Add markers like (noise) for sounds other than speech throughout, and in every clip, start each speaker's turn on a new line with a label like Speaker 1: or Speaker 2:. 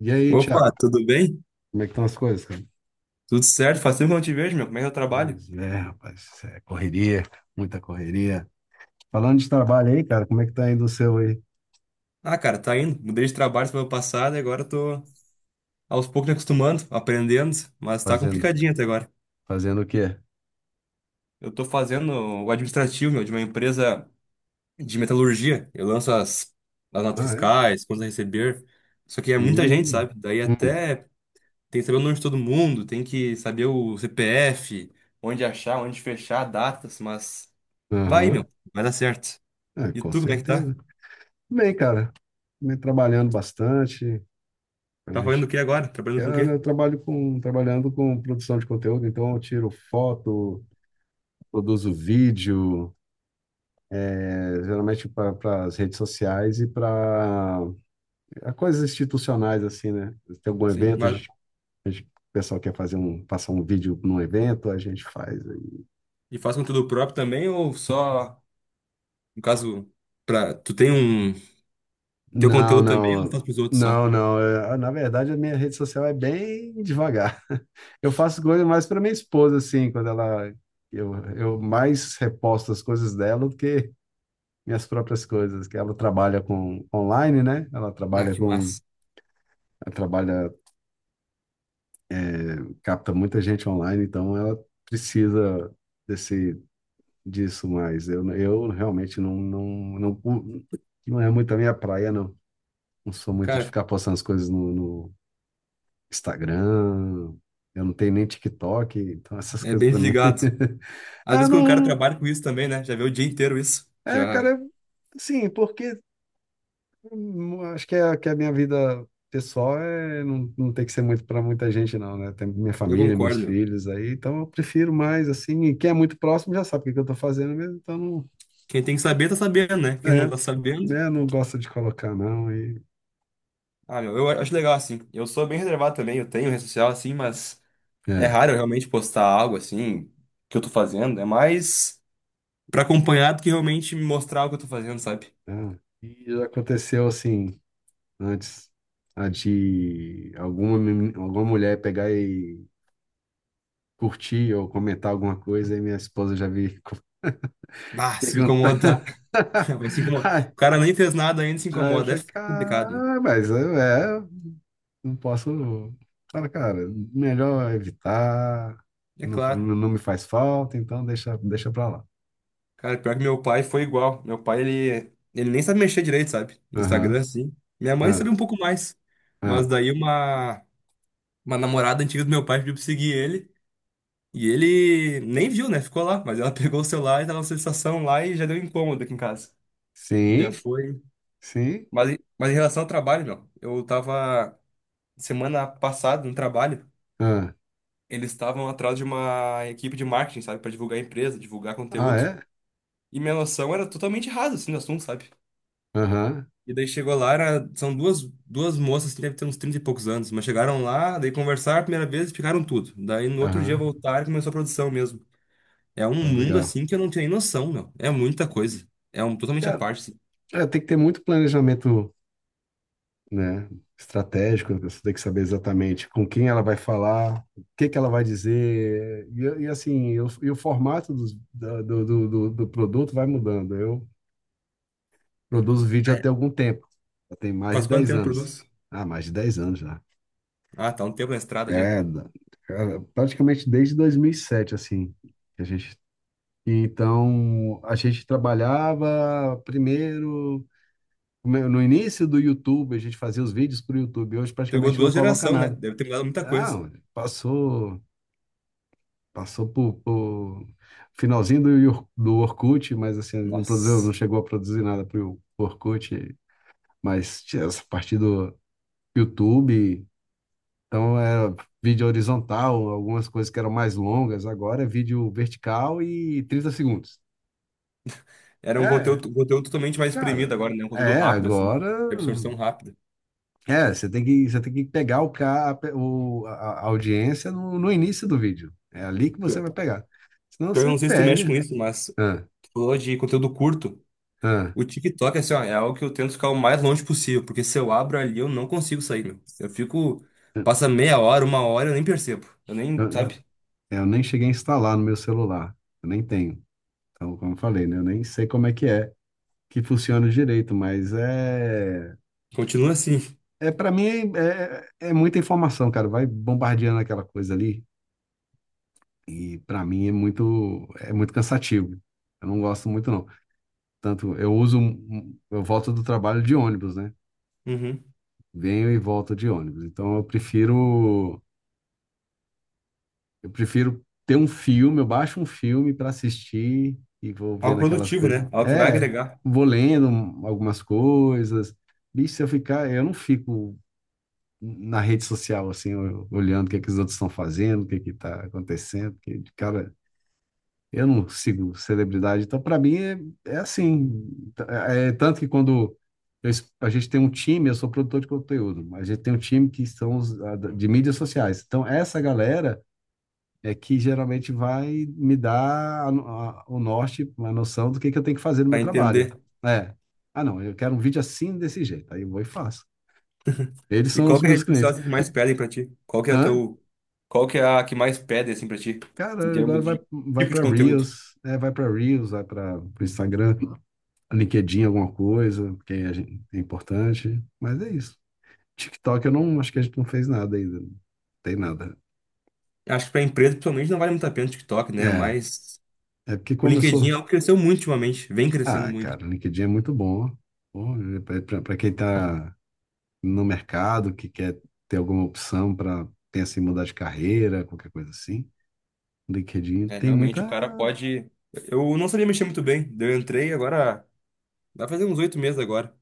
Speaker 1: E aí,
Speaker 2: Opa,
Speaker 1: Thiago,
Speaker 2: tudo bem?
Speaker 1: como é que estão as coisas, cara?
Speaker 2: Tudo certo? Faz tempo que eu não te vejo, meu. Como é que é o trabalho?
Speaker 1: Pois é, rapaz, é correria, muita correria. Falando de trabalho aí, cara, como é que tá indo o seu aí?
Speaker 2: Ah, cara, tá indo. Mudei de trabalho semana passada e agora tô aos poucos me acostumando, aprendendo, mas tá
Speaker 1: Fazendo,
Speaker 2: complicadinho até agora.
Speaker 1: fazendo o quê?
Speaker 2: Eu tô fazendo o administrativo, meu, de uma empresa de metalurgia. Eu lanço as notas
Speaker 1: Ah, é?
Speaker 2: fiscais, contas a receber. Só que é muita gente,
Speaker 1: Hum,
Speaker 2: sabe? Daí
Speaker 1: hum,
Speaker 2: até tem que saber o nome de todo mundo, tem que saber o CPF, onde achar, onde fechar, datas, mas vai,
Speaker 1: aham.
Speaker 2: meu, vai dar certo.
Speaker 1: É,
Speaker 2: E
Speaker 1: com
Speaker 2: tu, como é que tá?
Speaker 1: certeza. Bem, cara, também trabalhando bastante, a
Speaker 2: Tá fazendo
Speaker 1: gente,
Speaker 2: o que agora? Trabalhando com o
Speaker 1: cara,
Speaker 2: quê?
Speaker 1: trabalhando com produção de conteúdo, então eu tiro foto, produzo vídeo, geralmente para as redes sociais e para a coisas institucionais assim, né? Tem algum
Speaker 2: Sim,
Speaker 1: evento,
Speaker 2: mas
Speaker 1: o pessoal quer passar um vídeo num evento, a gente faz aí.
Speaker 2: e faz conteúdo próprio também ou só, no caso, pra, tu tem um, teu
Speaker 1: Não,
Speaker 2: conteúdo também ou tu
Speaker 1: não,
Speaker 2: faz pros outros só?
Speaker 1: não, não. É, na verdade, a minha rede social é bem devagar. (laughs) Eu faço coisa mais para minha esposa, assim, quando ela. Eu mais reposto as coisas dela do que minhas próprias coisas, que ela trabalha com online, né? Ela
Speaker 2: Ah,
Speaker 1: trabalha
Speaker 2: que
Speaker 1: com.
Speaker 2: massa.
Speaker 1: Ela trabalha, capta muita gente online, então ela precisa desse disso mais. Eu realmente não, não é muito a minha praia, não. Não sou muito de
Speaker 2: Cara,
Speaker 1: ficar postando as coisas no Instagram. Eu não tenho nem TikTok, então essas
Speaker 2: é
Speaker 1: coisas
Speaker 2: bem
Speaker 1: pra mim.
Speaker 2: desligado.
Speaker 1: (laughs)
Speaker 2: Às
Speaker 1: Ah,
Speaker 2: vezes quando o cara
Speaker 1: não.
Speaker 2: trabalha com isso também, né? Já vê o dia inteiro isso.
Speaker 1: É,
Speaker 2: Já,
Speaker 1: cara, sim, porque acho que, que a minha vida pessoal é, não tem que ser muito pra muita gente, não, né? Tem minha
Speaker 2: eu
Speaker 1: família, meus
Speaker 2: concordo, meu.
Speaker 1: filhos aí, então eu prefiro mais assim. E quem é muito próximo já sabe o que que eu tô fazendo mesmo, então não.
Speaker 2: Quem tem que saber, tá sabendo, né? Quem não
Speaker 1: É,
Speaker 2: tá sabendo...
Speaker 1: né? Não gosto de colocar, não. E
Speaker 2: Ah, meu, eu acho legal, assim. Eu sou bem reservado também, eu tenho rede social, assim, mas é
Speaker 1: é,
Speaker 2: raro eu realmente postar algo, assim, que eu tô fazendo. É mais pra acompanhar do que realmente me mostrar o que eu tô fazendo, sabe?
Speaker 1: é. E já aconteceu assim, antes, a de alguma, meni- alguma mulher pegar e curtir ou comentar alguma coisa, e minha esposa já veio (laughs)
Speaker 2: Ah, se
Speaker 1: perguntar.
Speaker 2: incomoda. (laughs) Vai se
Speaker 1: (laughs)
Speaker 2: incomodar.
Speaker 1: Ai,
Speaker 2: O cara nem fez nada ainda e se
Speaker 1: aí eu
Speaker 2: incomoda.
Speaker 1: falei,
Speaker 2: É complicado.
Speaker 1: cara, mas eu não posso. Cara, melhor evitar,
Speaker 2: É
Speaker 1: não,
Speaker 2: claro.
Speaker 1: não me faz falta, então deixa pra lá.
Speaker 2: Cara, pior que meu pai foi igual. Meu pai, ele nem sabe mexer direito, sabe? No Instagram,
Speaker 1: Aham,
Speaker 2: assim. Minha mãe
Speaker 1: ah,
Speaker 2: sabe um pouco mais. Mas
Speaker 1: ah.
Speaker 2: daí uma namorada antiga do meu pai pediu pra seguir ele. E ele nem viu, né? Ficou lá. Mas ela (laughs) pegou o celular e tava na sensação lá e já deu incômodo aqui em casa. Já
Speaker 1: Sim,
Speaker 2: foi.
Speaker 1: sim.
Speaker 2: Mas em relação ao trabalho, meu, eu tava semana passada no trabalho.
Speaker 1: Ah,
Speaker 2: Eles estavam atrás de uma equipe de marketing, sabe, pra divulgar a empresa, divulgar
Speaker 1: ah,
Speaker 2: conteúdo.
Speaker 1: é?
Speaker 2: E minha noção era totalmente rasa, assim, do assunto, sabe?
Speaker 1: Aham,
Speaker 2: E daí chegou lá, era, são duas moças que devem ter uns 30 e poucos anos, mas chegaram lá, daí conversaram a primeira vez e ficaram tudo. Daí no outro dia
Speaker 1: aham.
Speaker 2: voltaram e começou a produção mesmo. É um
Speaker 1: Ah,
Speaker 2: mundo
Speaker 1: legal.
Speaker 2: assim que eu não tinha nem noção, meu. É muita coisa. É um totalmente à
Speaker 1: É,
Speaker 2: parte, assim.
Speaker 1: é, tem que ter muito planejamento, né, estratégico. Você tem que saber exatamente com quem ela vai falar, o que que ela vai dizer, e assim, e o formato do produto vai mudando. Eu produzo vídeo até
Speaker 2: É.
Speaker 1: algum tempo, já tem mais de
Speaker 2: Faz quanto
Speaker 1: dez
Speaker 2: tempo produz?
Speaker 1: anos. Ah, mais de 10 anos já.
Speaker 2: Ah, tá um tempo na estrada já.
Speaker 1: É, cara, praticamente desde 2007, assim, que a gente... Então, a gente trabalhava primeiro no início do YouTube, a gente fazia os vídeos para o YouTube. Hoje
Speaker 2: Pegou
Speaker 1: praticamente não
Speaker 2: duas
Speaker 1: coloca
Speaker 2: gerações, né?
Speaker 1: nada.
Speaker 2: Deve ter mudado muita
Speaker 1: Ah,
Speaker 2: coisa.
Speaker 1: passou, passou por finalzinho do Orkut, mas assim, não produziu, não
Speaker 2: Nossa.
Speaker 1: chegou a produzir nada para o Orkut. Mas tinha essa parte do YouTube, então era vídeo horizontal, algumas coisas que eram mais longas. Agora é vídeo vertical e 30 segundos.
Speaker 2: Era
Speaker 1: É,
Speaker 2: um conteúdo totalmente mais
Speaker 1: cara,
Speaker 2: espremido agora, né? Um conteúdo rápido, assim.
Speaker 1: agora.
Speaker 2: De absorção rápida.
Speaker 1: É, você tem que pegar o, ca- a pe- o- a audiência no início do vídeo. É ali que você
Speaker 2: Pior
Speaker 1: vai
Speaker 2: pior
Speaker 1: pegar. Senão
Speaker 2: que eu
Speaker 1: você
Speaker 2: não sei se tu mexe com
Speaker 1: perde.
Speaker 2: isso, mas
Speaker 1: Ah,
Speaker 2: tu falou de conteúdo curto.
Speaker 1: ah,
Speaker 2: O TikTok, assim, ó, é algo que eu tento ficar o mais longe possível, porque se eu abro ali, eu não consigo sair, meu. Eu fico. Passa meia hora, uma hora, eu nem percebo. Eu nem,
Speaker 1: eu,
Speaker 2: sabe?
Speaker 1: eu nem cheguei a instalar no meu celular. Eu nem tenho. Então, como eu falei, né? Eu nem sei como é, que funciona direito, mas é.
Speaker 2: Continua assim.
Speaker 1: É, para mim, é muita informação, cara. Vai bombardeando aquela coisa ali. E para mim é muito, cansativo. Eu não gosto muito, não. Tanto eu uso, eu volto do trabalho de ônibus, né?
Speaker 2: Uhum.
Speaker 1: Venho e volto de ônibus. Então eu prefiro ter um filme, eu baixo um filme para assistir e vou
Speaker 2: Algo
Speaker 1: vendo aquelas
Speaker 2: produtivo,
Speaker 1: coisas.
Speaker 2: né? Algo que vai
Speaker 1: É,
Speaker 2: agregar,
Speaker 1: vou lendo algumas coisas. Bicho, se eu ficar, eu não fico na rede social assim, olhando o que é que os outros estão fazendo, o que é que tá acontecendo, porque, cara, eu não sigo celebridade, então para mim é assim. É, tanto que quando a gente tem um time, eu sou produtor de conteúdo, a gente tem um time que são de mídias sociais. Então essa galera é que geralmente vai me dar a no- a- o norte, uma noção do que eu tenho que fazer no meu
Speaker 2: pra
Speaker 1: trabalho.
Speaker 2: entender.
Speaker 1: É, ah não, eu quero um vídeo assim desse jeito, aí eu vou e faço. Eles
Speaker 2: E
Speaker 1: são
Speaker 2: qual
Speaker 1: os
Speaker 2: que é a
Speaker 1: meus
Speaker 2: rede social
Speaker 1: clientes.
Speaker 2: assim, que mais pedem pra ti? Qual que é a
Speaker 1: Hã?
Speaker 2: teu. Qual que é a que mais pede, assim, pra ti? Em
Speaker 1: Cara, agora
Speaker 2: termos
Speaker 1: vai,
Speaker 2: de
Speaker 1: vai
Speaker 2: tipo de
Speaker 1: para
Speaker 2: conteúdo.
Speaker 1: Reels, vai para o Instagram. LinkedIn, alguma coisa, porque é importante. Mas é isso. TikTok, eu não acho que a gente não fez nada ainda. Não tem nada.
Speaker 2: Acho que para empresa, principalmente, não vale muito a pena o TikTok, né?
Speaker 1: É,
Speaker 2: Mas
Speaker 1: é porque
Speaker 2: o LinkedIn é
Speaker 1: começou.
Speaker 2: algo que cresceu muito ultimamente, vem crescendo
Speaker 1: Ah,
Speaker 2: muito.
Speaker 1: cara, o LinkedIn é muito bom. Para quem está no mercado, que quer ter alguma opção para pensar em mudar de carreira, qualquer coisa assim, o LinkedIn
Speaker 2: É,
Speaker 1: tem
Speaker 2: realmente,
Speaker 1: muita.
Speaker 2: o cara pode. Eu não sabia mexer muito bem. Daí eu entrei agora, vai fazer uns oito meses agora.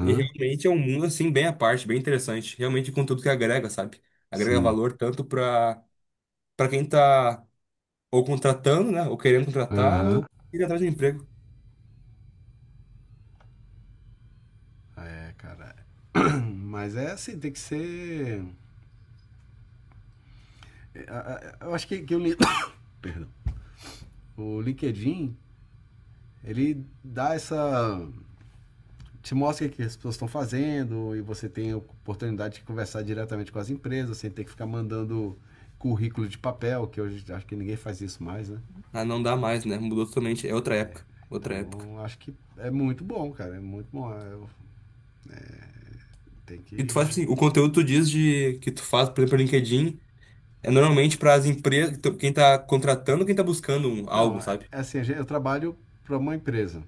Speaker 2: E realmente é um mundo, assim, bem à parte, bem interessante. Realmente, conteúdo que agrega, sabe? Agrega
Speaker 1: sim.
Speaker 2: valor tanto para para quem tá ou contratando, né? Ou querendo contratar,
Speaker 1: Aham.
Speaker 2: ou ir atrás de um emprego.
Speaker 1: É, cara. (clears throat) Mas é assim, tem que ser. Eu acho que o. (coughs) Perdão. O LinkedIn Ele dá essa. Te mostra o que as pessoas estão fazendo e você tem a oportunidade de conversar diretamente com as empresas, sem ter que ficar mandando currículo de papel, que hoje acho que ninguém faz isso mais, né?
Speaker 2: Ah, não dá mais, né? Mudou totalmente. É outra época. Outra época.
Speaker 1: Então acho que é muito bom, cara. É muito bom. É, eu tenho
Speaker 2: E tu faz
Speaker 1: que.
Speaker 2: assim, o conteúdo tu diz de que tu faz, por exemplo, no LinkedIn. É normalmente para as empresas, então, quem tá contratando, quem tá buscando um-
Speaker 1: Não,
Speaker 2: algo,
Speaker 1: é
Speaker 2: sabe?
Speaker 1: é assim, eu trabalho para uma empresa,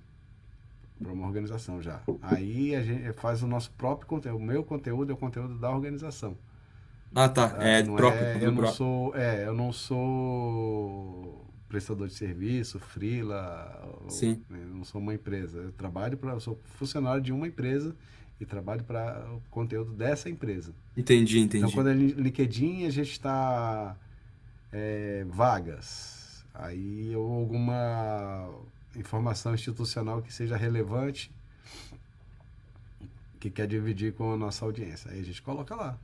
Speaker 1: para uma organização já. Aí a gente faz o nosso próprio conteúdo. O meu conteúdo é o conteúdo da organização.
Speaker 2: Ah, tá.
Speaker 1: Ah,
Speaker 2: É
Speaker 1: não
Speaker 2: próprio,
Speaker 1: é, eu
Speaker 2: conteúdo
Speaker 1: não
Speaker 2: próprio.
Speaker 1: sou, eu não sou prestador de serviço, freela,
Speaker 2: Sim.
Speaker 1: né, eu não sou uma empresa. Eu sou funcionário de uma empresa e trabalho para o conteúdo dessa empresa.
Speaker 2: Entendi,
Speaker 1: Então,
Speaker 2: entendi.
Speaker 1: quando LinkedIn, a gente está vagas. Aí ou alguma informação institucional que seja relevante, que quer dividir com a nossa audiência. Aí a gente coloca lá.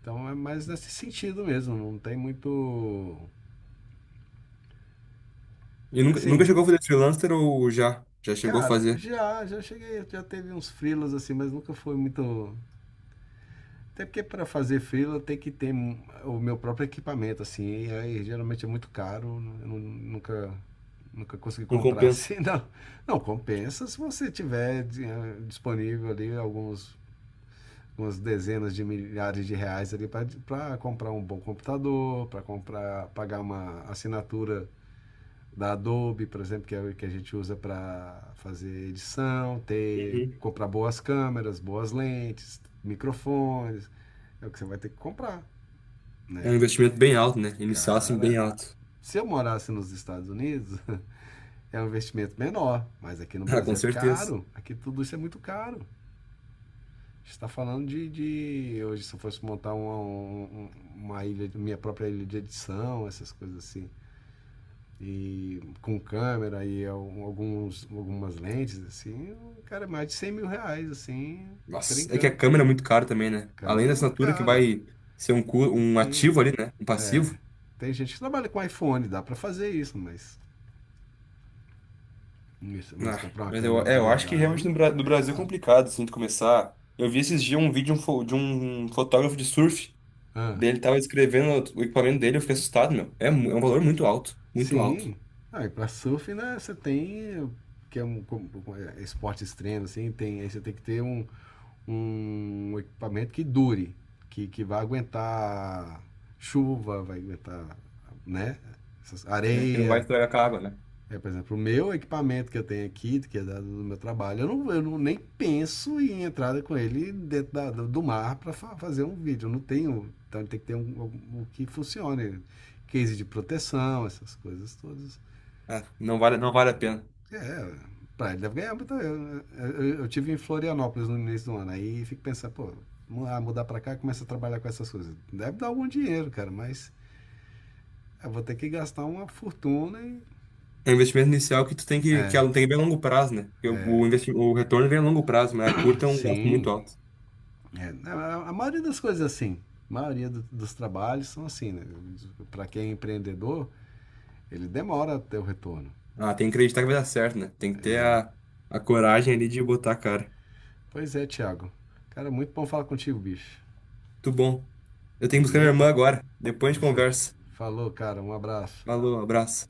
Speaker 1: Então é mais nesse sentido mesmo, não tem muito
Speaker 2: E nunca
Speaker 1: assim.
Speaker 2: chegou a fazer freelancer ou já? Já chegou a
Speaker 1: Cara,
Speaker 2: fazer?
Speaker 1: já cheguei, já teve uns frilas assim, mas nunca foi muito. Até porque para fazer freela tem que ter o meu próprio equipamento, assim, e aí geralmente é muito caro, eu nunca consegui
Speaker 2: Não
Speaker 1: comprar (laughs)
Speaker 2: compensa.
Speaker 1: assim, não. Não, compensa se você tiver disponível ali algumas dezenas de milhares de reais ali para comprar um bom computador, para comprar, pagar uma assinatura da Adobe, por exemplo, que é o que a gente usa para fazer edição, ter
Speaker 2: Uhum.
Speaker 1: comprar boas câmeras, boas lentes, microfones, é o que você vai ter que comprar,
Speaker 2: É
Speaker 1: né?
Speaker 2: um investimento bem alto, né? Inicial, assim, bem
Speaker 1: Cara,
Speaker 2: alto. (laughs)
Speaker 1: se eu morasse nos Estados Unidos, (laughs) é um investimento menor, mas aqui no
Speaker 2: Ah, com
Speaker 1: Brasil é
Speaker 2: certeza.
Speaker 1: caro, aqui tudo isso é muito caro. A gente está falando de, hoje se eu fosse montar uma ilha, minha própria ilha de edição, essas coisas assim, e com câmera e algumas lentes, assim, cara, é mais de R$ 100.000, assim,
Speaker 2: Nossa, é que a
Speaker 1: brincando.
Speaker 2: câmera é muito cara também, né? Além
Speaker 1: Câmera
Speaker 2: da
Speaker 1: é muito
Speaker 2: assinatura que
Speaker 1: caro,
Speaker 2: vai ser um
Speaker 1: sim.
Speaker 2: ativo ali, né? Um passivo.
Speaker 1: Tem gente que trabalha com iPhone, dá para fazer isso, mas,
Speaker 2: Ah,
Speaker 1: comprar uma
Speaker 2: mas
Speaker 1: câmera de
Speaker 2: eu acho que realmente
Speaker 1: verdade
Speaker 2: no
Speaker 1: é
Speaker 2: Brasil é
Speaker 1: caro.
Speaker 2: complicado, assim, de começar. Eu vi esses dias um vídeo de de um fotógrafo de surf.
Speaker 1: Ah,
Speaker 2: Daí ele tava descrevendo o equipamento dele, eu fiquei assustado, meu. É um valor muito alto, muito alto.
Speaker 1: sim. Ah, e para surf, né, você tem, que é um, esporte extremo, assim, tem, aí você tem que ter um equipamento que dure, que vai aguentar chuva, vai aguentar, né,
Speaker 2: É, que não vai
Speaker 1: areia.
Speaker 2: estragar com a água, né?
Speaker 1: É, por exemplo, o meu equipamento que eu tenho aqui, que é do meu trabalho, eu não nem penso em entrada com ele dentro mar para fa fazer um vídeo. Eu não tenho. Então tem que ter um que funcione. Case de proteção, essas coisas todas.
Speaker 2: Ah, não vale a pena.
Speaker 1: É, pra ele deve ganhar muita. Eu tive em Florianópolis no início do ano, aí fico pensando, pô, mudar, mudar pra cá começa a trabalhar com essas coisas. Deve dar algum dinheiro, cara, mas eu vou ter que gastar uma fortuna e.
Speaker 2: É um investimento inicial que que ela tem que ver a longo prazo, né? Porque o retorno vem a longo prazo, mas a curta é um gasto muito
Speaker 1: Sim.
Speaker 2: alto.
Speaker 1: A maioria das coisas é assim. A maioria dos trabalhos são assim, né? Pra quem é empreendedor, ele demora até o retorno.
Speaker 2: Ah, tem que acreditar que vai dar certo, né? Tem que ter a coragem ali de botar a cara.
Speaker 1: Pois é, Thiago. Cara, muito bom falar contigo, bicho.
Speaker 2: Muito bom. Eu tenho que buscar minha
Speaker 1: Beleza?
Speaker 2: irmã agora. Depois a
Speaker 1: É
Speaker 2: gente
Speaker 1: isso aí.
Speaker 2: conversa.
Speaker 1: Falou, cara. Um abraço.
Speaker 2: Falou, abraço.